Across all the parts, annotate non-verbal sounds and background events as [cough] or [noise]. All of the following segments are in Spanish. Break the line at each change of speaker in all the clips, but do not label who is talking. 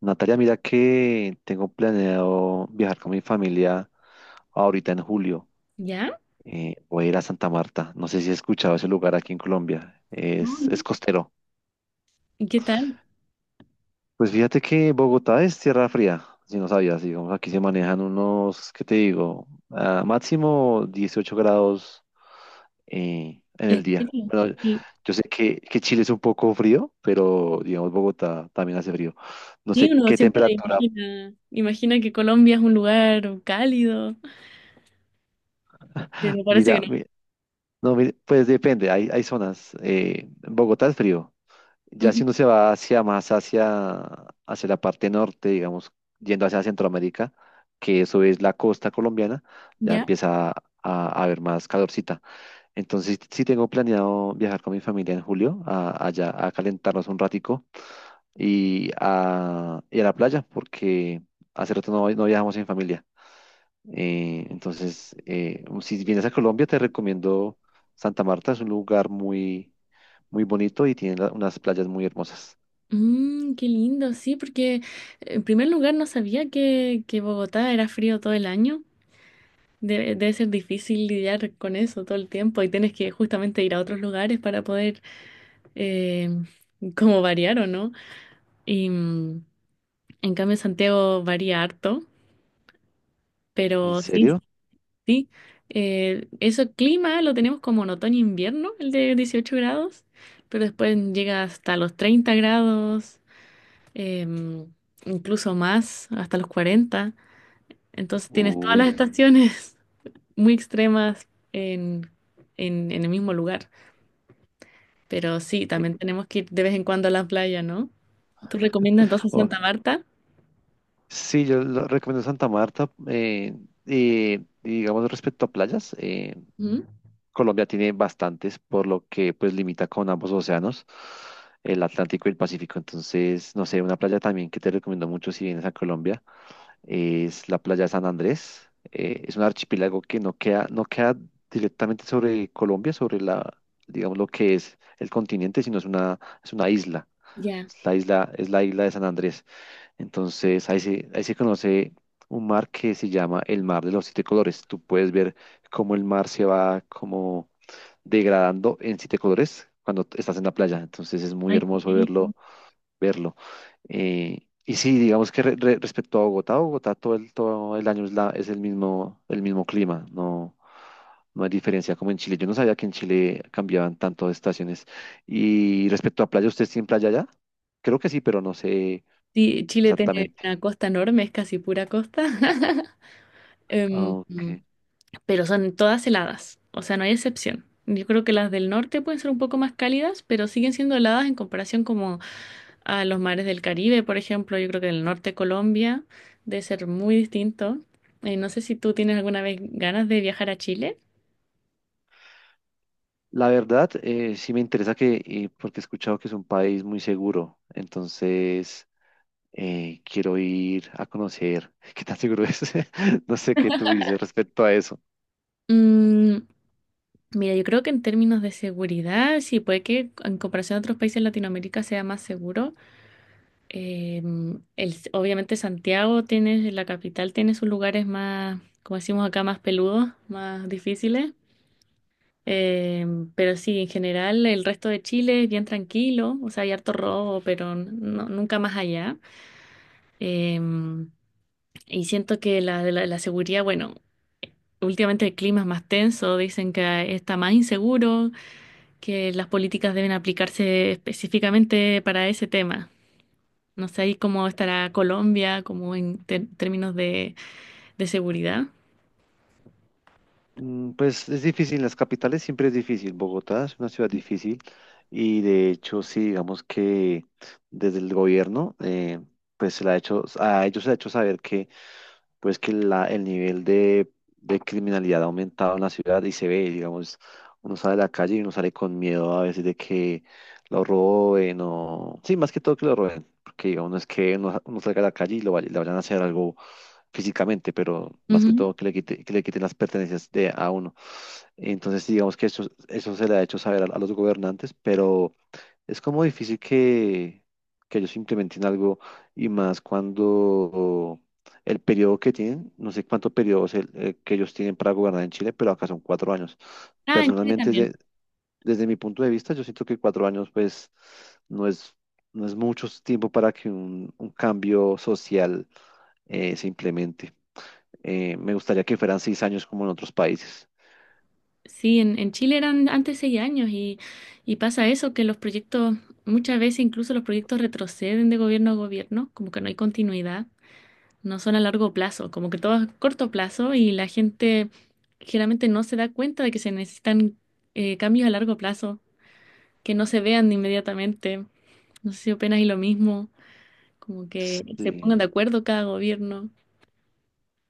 Natalia, mira que tengo planeado viajar con mi familia ahorita en julio.
¿Ya?
Voy a ir a Santa Marta. No sé si has escuchado ese lugar aquí en Colombia.
No,
Es,
no.
es costero.
¿Y qué tal?
Pues fíjate que Bogotá es tierra fría, si no sabías. Digamos, aquí se manejan unos, ¿qué te digo? Ah, máximo 18 grados en el
¿En
día.
serio?
Bueno,
Sí,
yo sé que Chile es un poco frío, pero digamos Bogotá también hace frío. No
sí,
sé
uno
qué
siempre
temperatura.
imagina, imagina que Colombia es un lugar cálido, pero parece que
Mira,
no.
mi- No, mire, pues depende, hay zonas. Bogotá es frío. Ya
Ujú.
si uno se va hacia hacia la parte norte, digamos, yendo hacia Centroamérica, que eso es la costa colombiana, ya
¿Ya?
empieza a haber más calorcita. Entonces sí tengo planeado viajar con mi familia en julio allá a calentarnos un ratico y a la playa, porque hace rato no viajamos en familia. Entonces, si vienes a Colombia, te recomiendo Santa Marta. Es un lugar muy bonito y tiene unas playas muy hermosas.
Mm, qué lindo, sí, porque en primer lugar no sabía que Bogotá era frío todo el año. Debe ser difícil lidiar con eso todo el tiempo y tienes que justamente ir a otros lugares para poder eh, como variar o no. Y en cambio Santiago varía harto,
¿En
pero sí,
serio?
Sí, ese clima lo tenemos como en otoño-invierno, el de 18 grados, pero después llega hasta los 30 grados, em, incluso más, hasta los cuarenta. Entonces tienes todas las
Uy.
estaciones [laughs] muy extremas en, en el mismo lugar. Pero sí,
eh,
también tenemos que ir de vez en cuando a la playa, ¿no? ¿Tú recomiendas entonces
oh,
Santa Marta?
sí, yo lo recomiendo Santa Marta. Y digamos, respecto a playas,
Ujú.
Colombia tiene bastantes, por lo que pues limita con ambos océanos, el Atlántico y el Pacífico. Entonces, no sé, una playa también que te recomiendo mucho si vienes a Colombia es la playa de San Andrés. Es un archipiélago que no queda directamente sobre Colombia, sobre digamos, lo que es el continente, sino es es una isla.
Ya.
Es la isla de San Andrés. Entonces, ahí se conoce un mar que se llama el Mar de los Siete Colores. Tú puedes ver cómo el mar se va como degradando en siete colores cuando estás en la playa. Entonces, es muy
Ay, qué
hermoso
bello.
verlo. Y sí, digamos que respecto a Bogotá, Bogotá todo el año es el mismo clima, no hay diferencia como en Chile. Yo no sabía que en Chile cambiaban tanto de estaciones. Y respecto a playa, ¿usted tiene playa allá? Creo que sí, pero no sé
Sí, Chile tiene
exactamente.
una costa enorme, es casi pura costa. [laughs] Em,
Ah, ok.
pero son todas heladas, o sea, no hay excepción. Yo creo que las del norte pueden ser un poco más cálidas, pero siguen siendo heladas en comparación como a los mares del Caribe, por ejemplo. Yo creo que el norte de Colombia debe ser muy distinto. No sé si tú tienes alguna vez ganas de viajar a Chile.
La verdad, sí me interesa, porque he escuchado que es un país muy seguro, entonces quiero ir a conocer [laughs] qué tan seguro es. [laughs] No sé qué tú dices respecto a eso.
Mm, mira, yo creo que en términos de seguridad, sí, puede que en comparación a otros países de Latinoamérica sea más seguro. Obviamente Santiago tiene, la capital tiene sus lugares más, como decimos acá, más peludos, más difíciles. Pero sí, en general el resto de Chile es bien tranquilo, o sea, hay harto robo, pero nunca más allá. Em, y siento que la seguridad, bueno, últimamente el clima es más tenso, dicen que está más inseguro, que las políticas deben aplicarse específicamente para ese tema. No sé ahí cómo estará Colombia, como en términos de seguridad.
Mm, pues es difícil, en las capitales siempre es difícil. Bogotá es una ciudad difícil y de hecho sí, digamos que desde el gobierno pues se le ha hecho, a ellos se le ha hecho saber que pues que el nivel de criminalidad ha aumentado en la ciudad y se ve, digamos, uno sale a la calle y uno sale con miedo a veces de que lo roben o... Sí, más que todo que lo roben. Porque digamos, no es que uno salga a la calle y le vayan a hacer algo físicamente, pero más que
Ujú.
todo que le quiten las pertenencias de a uno. Entonces, digamos que eso se le ha hecho saber a los gobernantes, pero es como difícil que ellos implementen algo y más cuando el periodo que tienen, no sé cuántos periodos que ellos tienen para gobernar en Chile, pero acá son cuatro años.
Ah, en Chile
Personalmente,
también.
desde mi punto de vista, yo siento que cuatro años, pues, no es, no es mucho tiempo para que un cambio social se implemente. Me gustaría que fueran seis años como en otros países.
Sí, en Chile eran antes seis años y pasa eso, que los proyectos, muchas veces incluso los proyectos retroceden de gobierno a gobierno, como que no hay continuidad, no son a largo plazo, como que todo es corto plazo y la gente generalmente no se da cuenta de que se necesitan cambios a largo plazo, que no se vean inmediatamente. No sé si opinas y lo mismo, como que se
Sí.
pongan de acuerdo cada gobierno.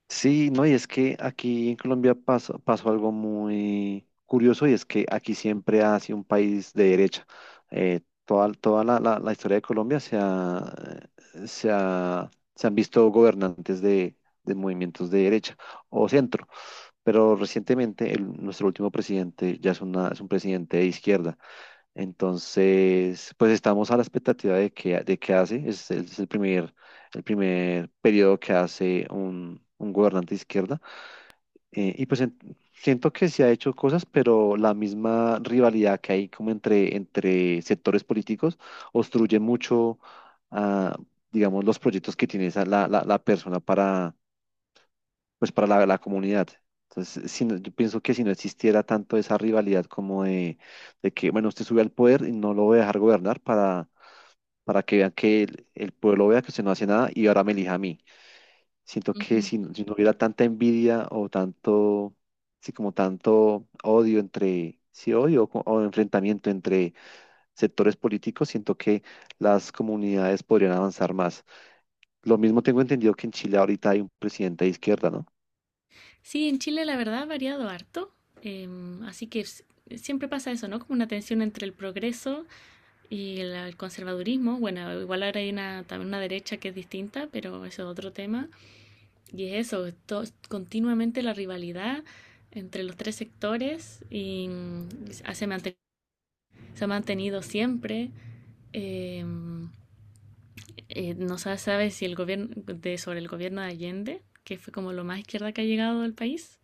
Sí, no, y es que aquí en Colombia pasó algo muy curioso y es que aquí siempre ha sido un país de derecha. Toda la historia de Colombia se han visto gobernantes de movimientos de derecha o centro, pero recientemente nuestro último presidente ya es un presidente de izquierda. Entonces, pues estamos a la expectativa de qué hace. Es el primer periodo que hace un gobernante de izquierda. Y pues siento que se ha hecho cosas, pero la misma rivalidad que hay como entre sectores políticos obstruye mucho, ah, digamos, los proyectos que tiene la persona pues para la comunidad. Entonces, yo pienso que si no existiera tanto esa rivalidad como de que, bueno, usted sube al poder y no lo voy a dejar gobernar para que vean que el pueblo vea que usted no hace nada y ahora me elija a mí. Siento que
Ujú.
si no hubiera tanta envidia o tanto, sí, como tanto odio entre, sí, odio o enfrentamiento entre sectores políticos, siento que las comunidades podrían avanzar más. Lo mismo tengo entendido que en Chile ahorita hay un presidente de izquierda, ¿no?
Sí, en Chile la verdad ha variado harto, así que siempre pasa eso, ¿no? Como una tensión entre el progreso y el conservadurismo. Bueno, igual ahora hay una, también una derecha que es distinta, pero eso es otro tema. Y es eso, continuamente la rivalidad entre los tres sectores y se ha mantenido siempre. Em, no se sabe si el gobierno de, sobre el gobierno de Allende, que fue como lo más izquierda que ha llegado al país.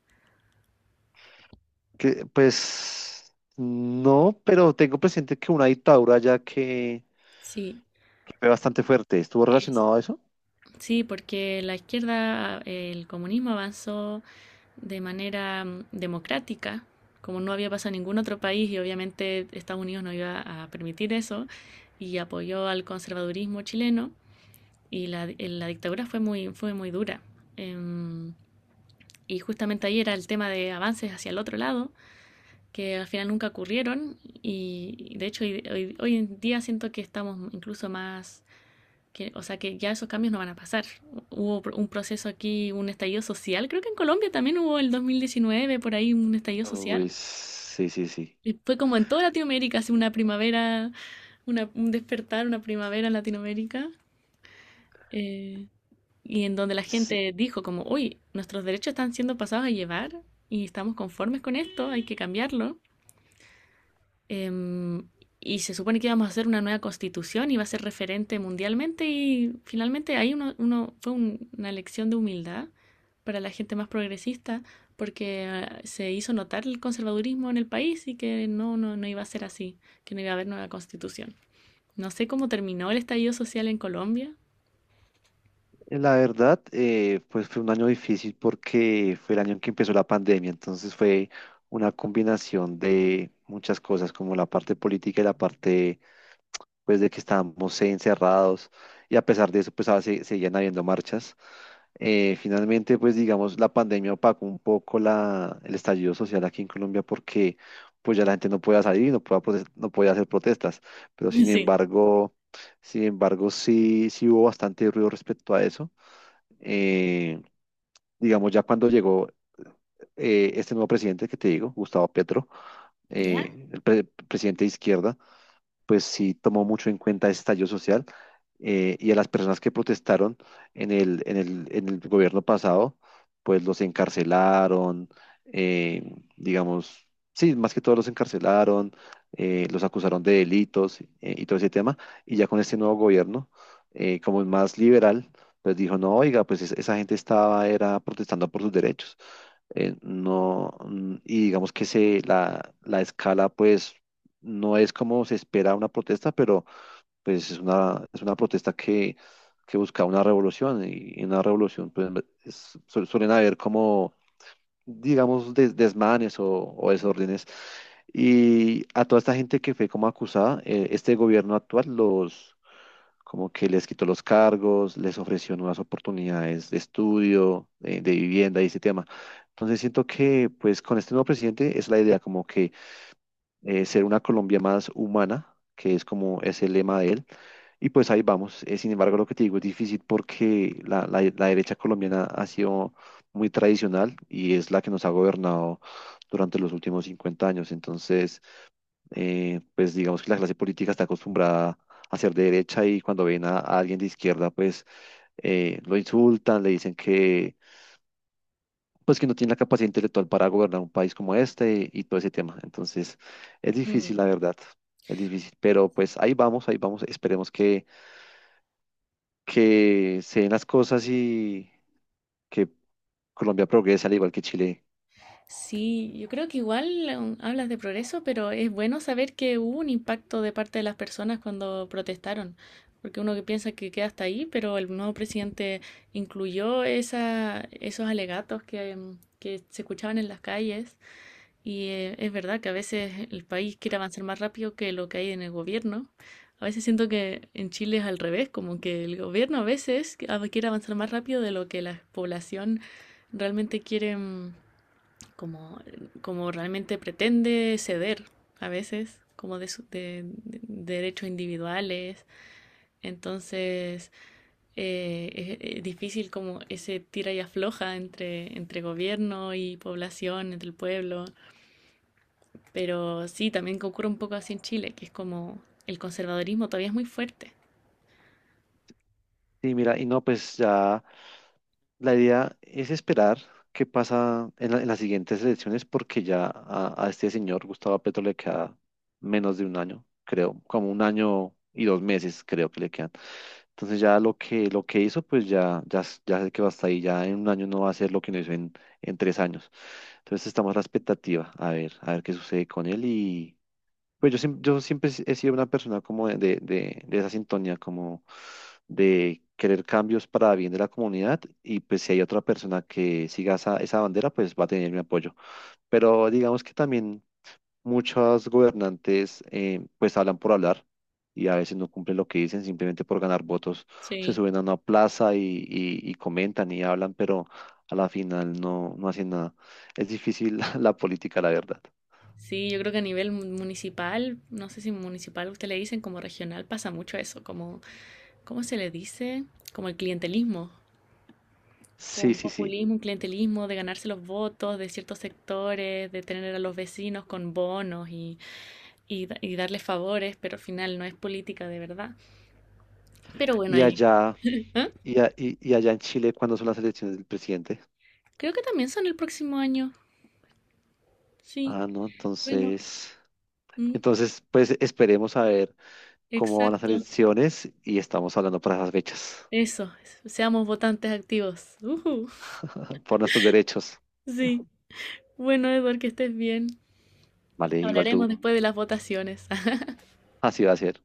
Que, pues no, pero tengo presente que una dictadura ya que
Sí.
fue bastante fuerte. ¿Estuvo relacionado a eso?
Sí, porque la izquierda, el comunismo avanzó de manera democrática, como no había pasado en ningún otro país y obviamente Estados Unidos no iba a permitir eso, y apoyó al conservadurismo chileno y la dictadura fue muy dura. Em, y justamente ahí era el tema de avances hacia el otro lado, que al final nunca ocurrieron y de hecho hoy en día siento que estamos incluso más que, o sea, que ya esos cambios no van a pasar. Hubo un proceso aquí, un estallido social, creo que en Colombia también hubo el 2019, por ahí un estallido social.
Uy, sí, sí, sí.
Y fue como en toda Latinoamérica, así una primavera, una, un despertar, una primavera en Latinoamérica, eh, y en donde la
S-
gente dijo como, uy, nuestros derechos están siendo pasados a llevar y estamos conformes con esto, hay que cambiarlo. Em, y se supone que íbamos a hacer una nueva constitución, iba a ser referente mundialmente y finalmente ahí uno, una lección de humildad para la gente más progresista porque se hizo notar el conservadurismo en el país y que no, no, no iba a ser así, que no iba a haber nueva constitución. No sé cómo terminó el estallido social en Colombia.
La verdad, pues fue un año difícil porque fue el año en que empezó la pandemia, entonces fue una combinación de muchas cosas, como la parte política y la parte, pues, de que estábamos encerrados y a pesar de eso, pues, seguían habiendo marchas. Finalmente, pues digamos, la pandemia opacó un poco el estallido social aquí en Colombia porque pues ya la gente no podía salir, no podía hacer protestas, pero sin
Sí.
embargo, sin embargo, sí, sí hubo bastante ruido respecto a eso. Eh, digamos, ya cuando llegó este nuevo presidente que te digo, Gustavo Petro,
¿Ya?
presidente de izquierda, pues sí tomó mucho en cuenta ese estallido social y a las personas que protestaron en en el gobierno pasado, pues los encarcelaron, digamos, sí, más que todo los encarcelaron, los acusaron de delitos y todo ese tema, y ya con este nuevo gobierno, como es más liberal, pues dijo, no, oiga, pues esa gente estaba, era protestando por sus derechos no, y digamos que la escala pues no es como se espera una protesta, pero pues es es una protesta que busca una revolución y en una revolución pues suelen haber como, digamos, desmanes o desórdenes. Y a toda esta gente que fue como acusada, este gobierno actual los como que les quitó los cargos, les ofreció nuevas oportunidades de estudio, vivienda y ese tema. Entonces siento que pues con este nuevo presidente es la idea como que ser una Colombia más humana, que es como es el lema de él. Y pues ahí vamos. Sin embargo, lo que te digo es difícil porque la derecha colombiana ha sido muy tradicional y es la que nos ha gobernado durante los últimos 50 años. Entonces, pues digamos que la clase política está acostumbrada a ser de derecha y cuando ven a alguien de izquierda, pues lo insultan, le dicen que, pues que no tiene la capacidad intelectual para gobernar un país como este y, todo ese tema. Entonces, es difícil, la verdad, es difícil, pero pues ahí vamos, esperemos que se den las cosas y que Colombia progrese al igual que Chile.
Sí, yo creo que igual hablas de progreso, pero es bueno saber que hubo un impacto de parte de las personas cuando protestaron, porque uno que piensa que queda hasta ahí, pero el nuevo presidente incluyó esa, esos alegatos que, que se escuchaban en las calles y es verdad que a veces el país quiere avanzar más rápido que lo que hay en el gobierno. A veces siento que en Chile es al revés, como que el gobierno a veces quiere avanzar más rápido de lo que la población realmente quiere. Como, como realmente pretende ceder a veces, como de, su, de derechos individuales. Entonces eh, es, difícil como ese tira y afloja entre, entre gobierno y población, entre el pueblo. Pero sí, también ocurre un poco así en Chile, que es como el conservadurismo todavía es muy fuerte.
Sí, mira, y no, pues ya la idea es esperar qué pasa en las siguientes elecciones porque ya a este señor Gustavo Petro le queda menos de un año, creo, como un año y dos meses creo que le quedan. Entonces ya lo que hizo, pues ya sé que va hasta ahí, ya en un año no va a hacer lo que no hizo en tres años. Entonces estamos a la expectativa, a ver qué sucede con él. Pues yo, yo siempre he sido una persona como de esa sintonía, como de querer cambios para bien de la comunidad y pues si hay otra persona que siga esa bandera, pues va a tener mi apoyo. Pero digamos que también muchos gobernantes pues hablan por hablar y a veces no cumplen lo que dicen simplemente por ganar votos. Se
Sí.
suben a una plaza y comentan y hablan, pero a la final no hacen nada. Es difícil [laughs] la política, la verdad.
Sí, yo creo que a nivel municipal, no sé si municipal usted le dicen, como regional pasa mucho eso, como, ¿cómo se le dice? Como el clientelismo,
Sí,
como,
sí, sí.
populismo, un clientelismo de ganarse los votos de ciertos sectores, de tener a los vecinos con bonos y, y darles favores, pero al final no es política de verdad. Pero bueno,
¿Y
ahí.
allá...
¿Ah?
Y allá en Chile, cuándo son las elecciones del presidente?
Creo que también son el próximo año. Sí,
Ah, no,
bueno,
entonces,
mm,
entonces, pues esperemos a ver cómo van las
exacto.
elecciones y estamos hablando para esas fechas,
Eso, seamos votantes activos. Ujú.
[laughs] por nuestros derechos.
Sí, bueno, Eduard, que estés bien.
Vale, igual
Hablaremos
tú,
después de las votaciones. [laughs]
así va a ser.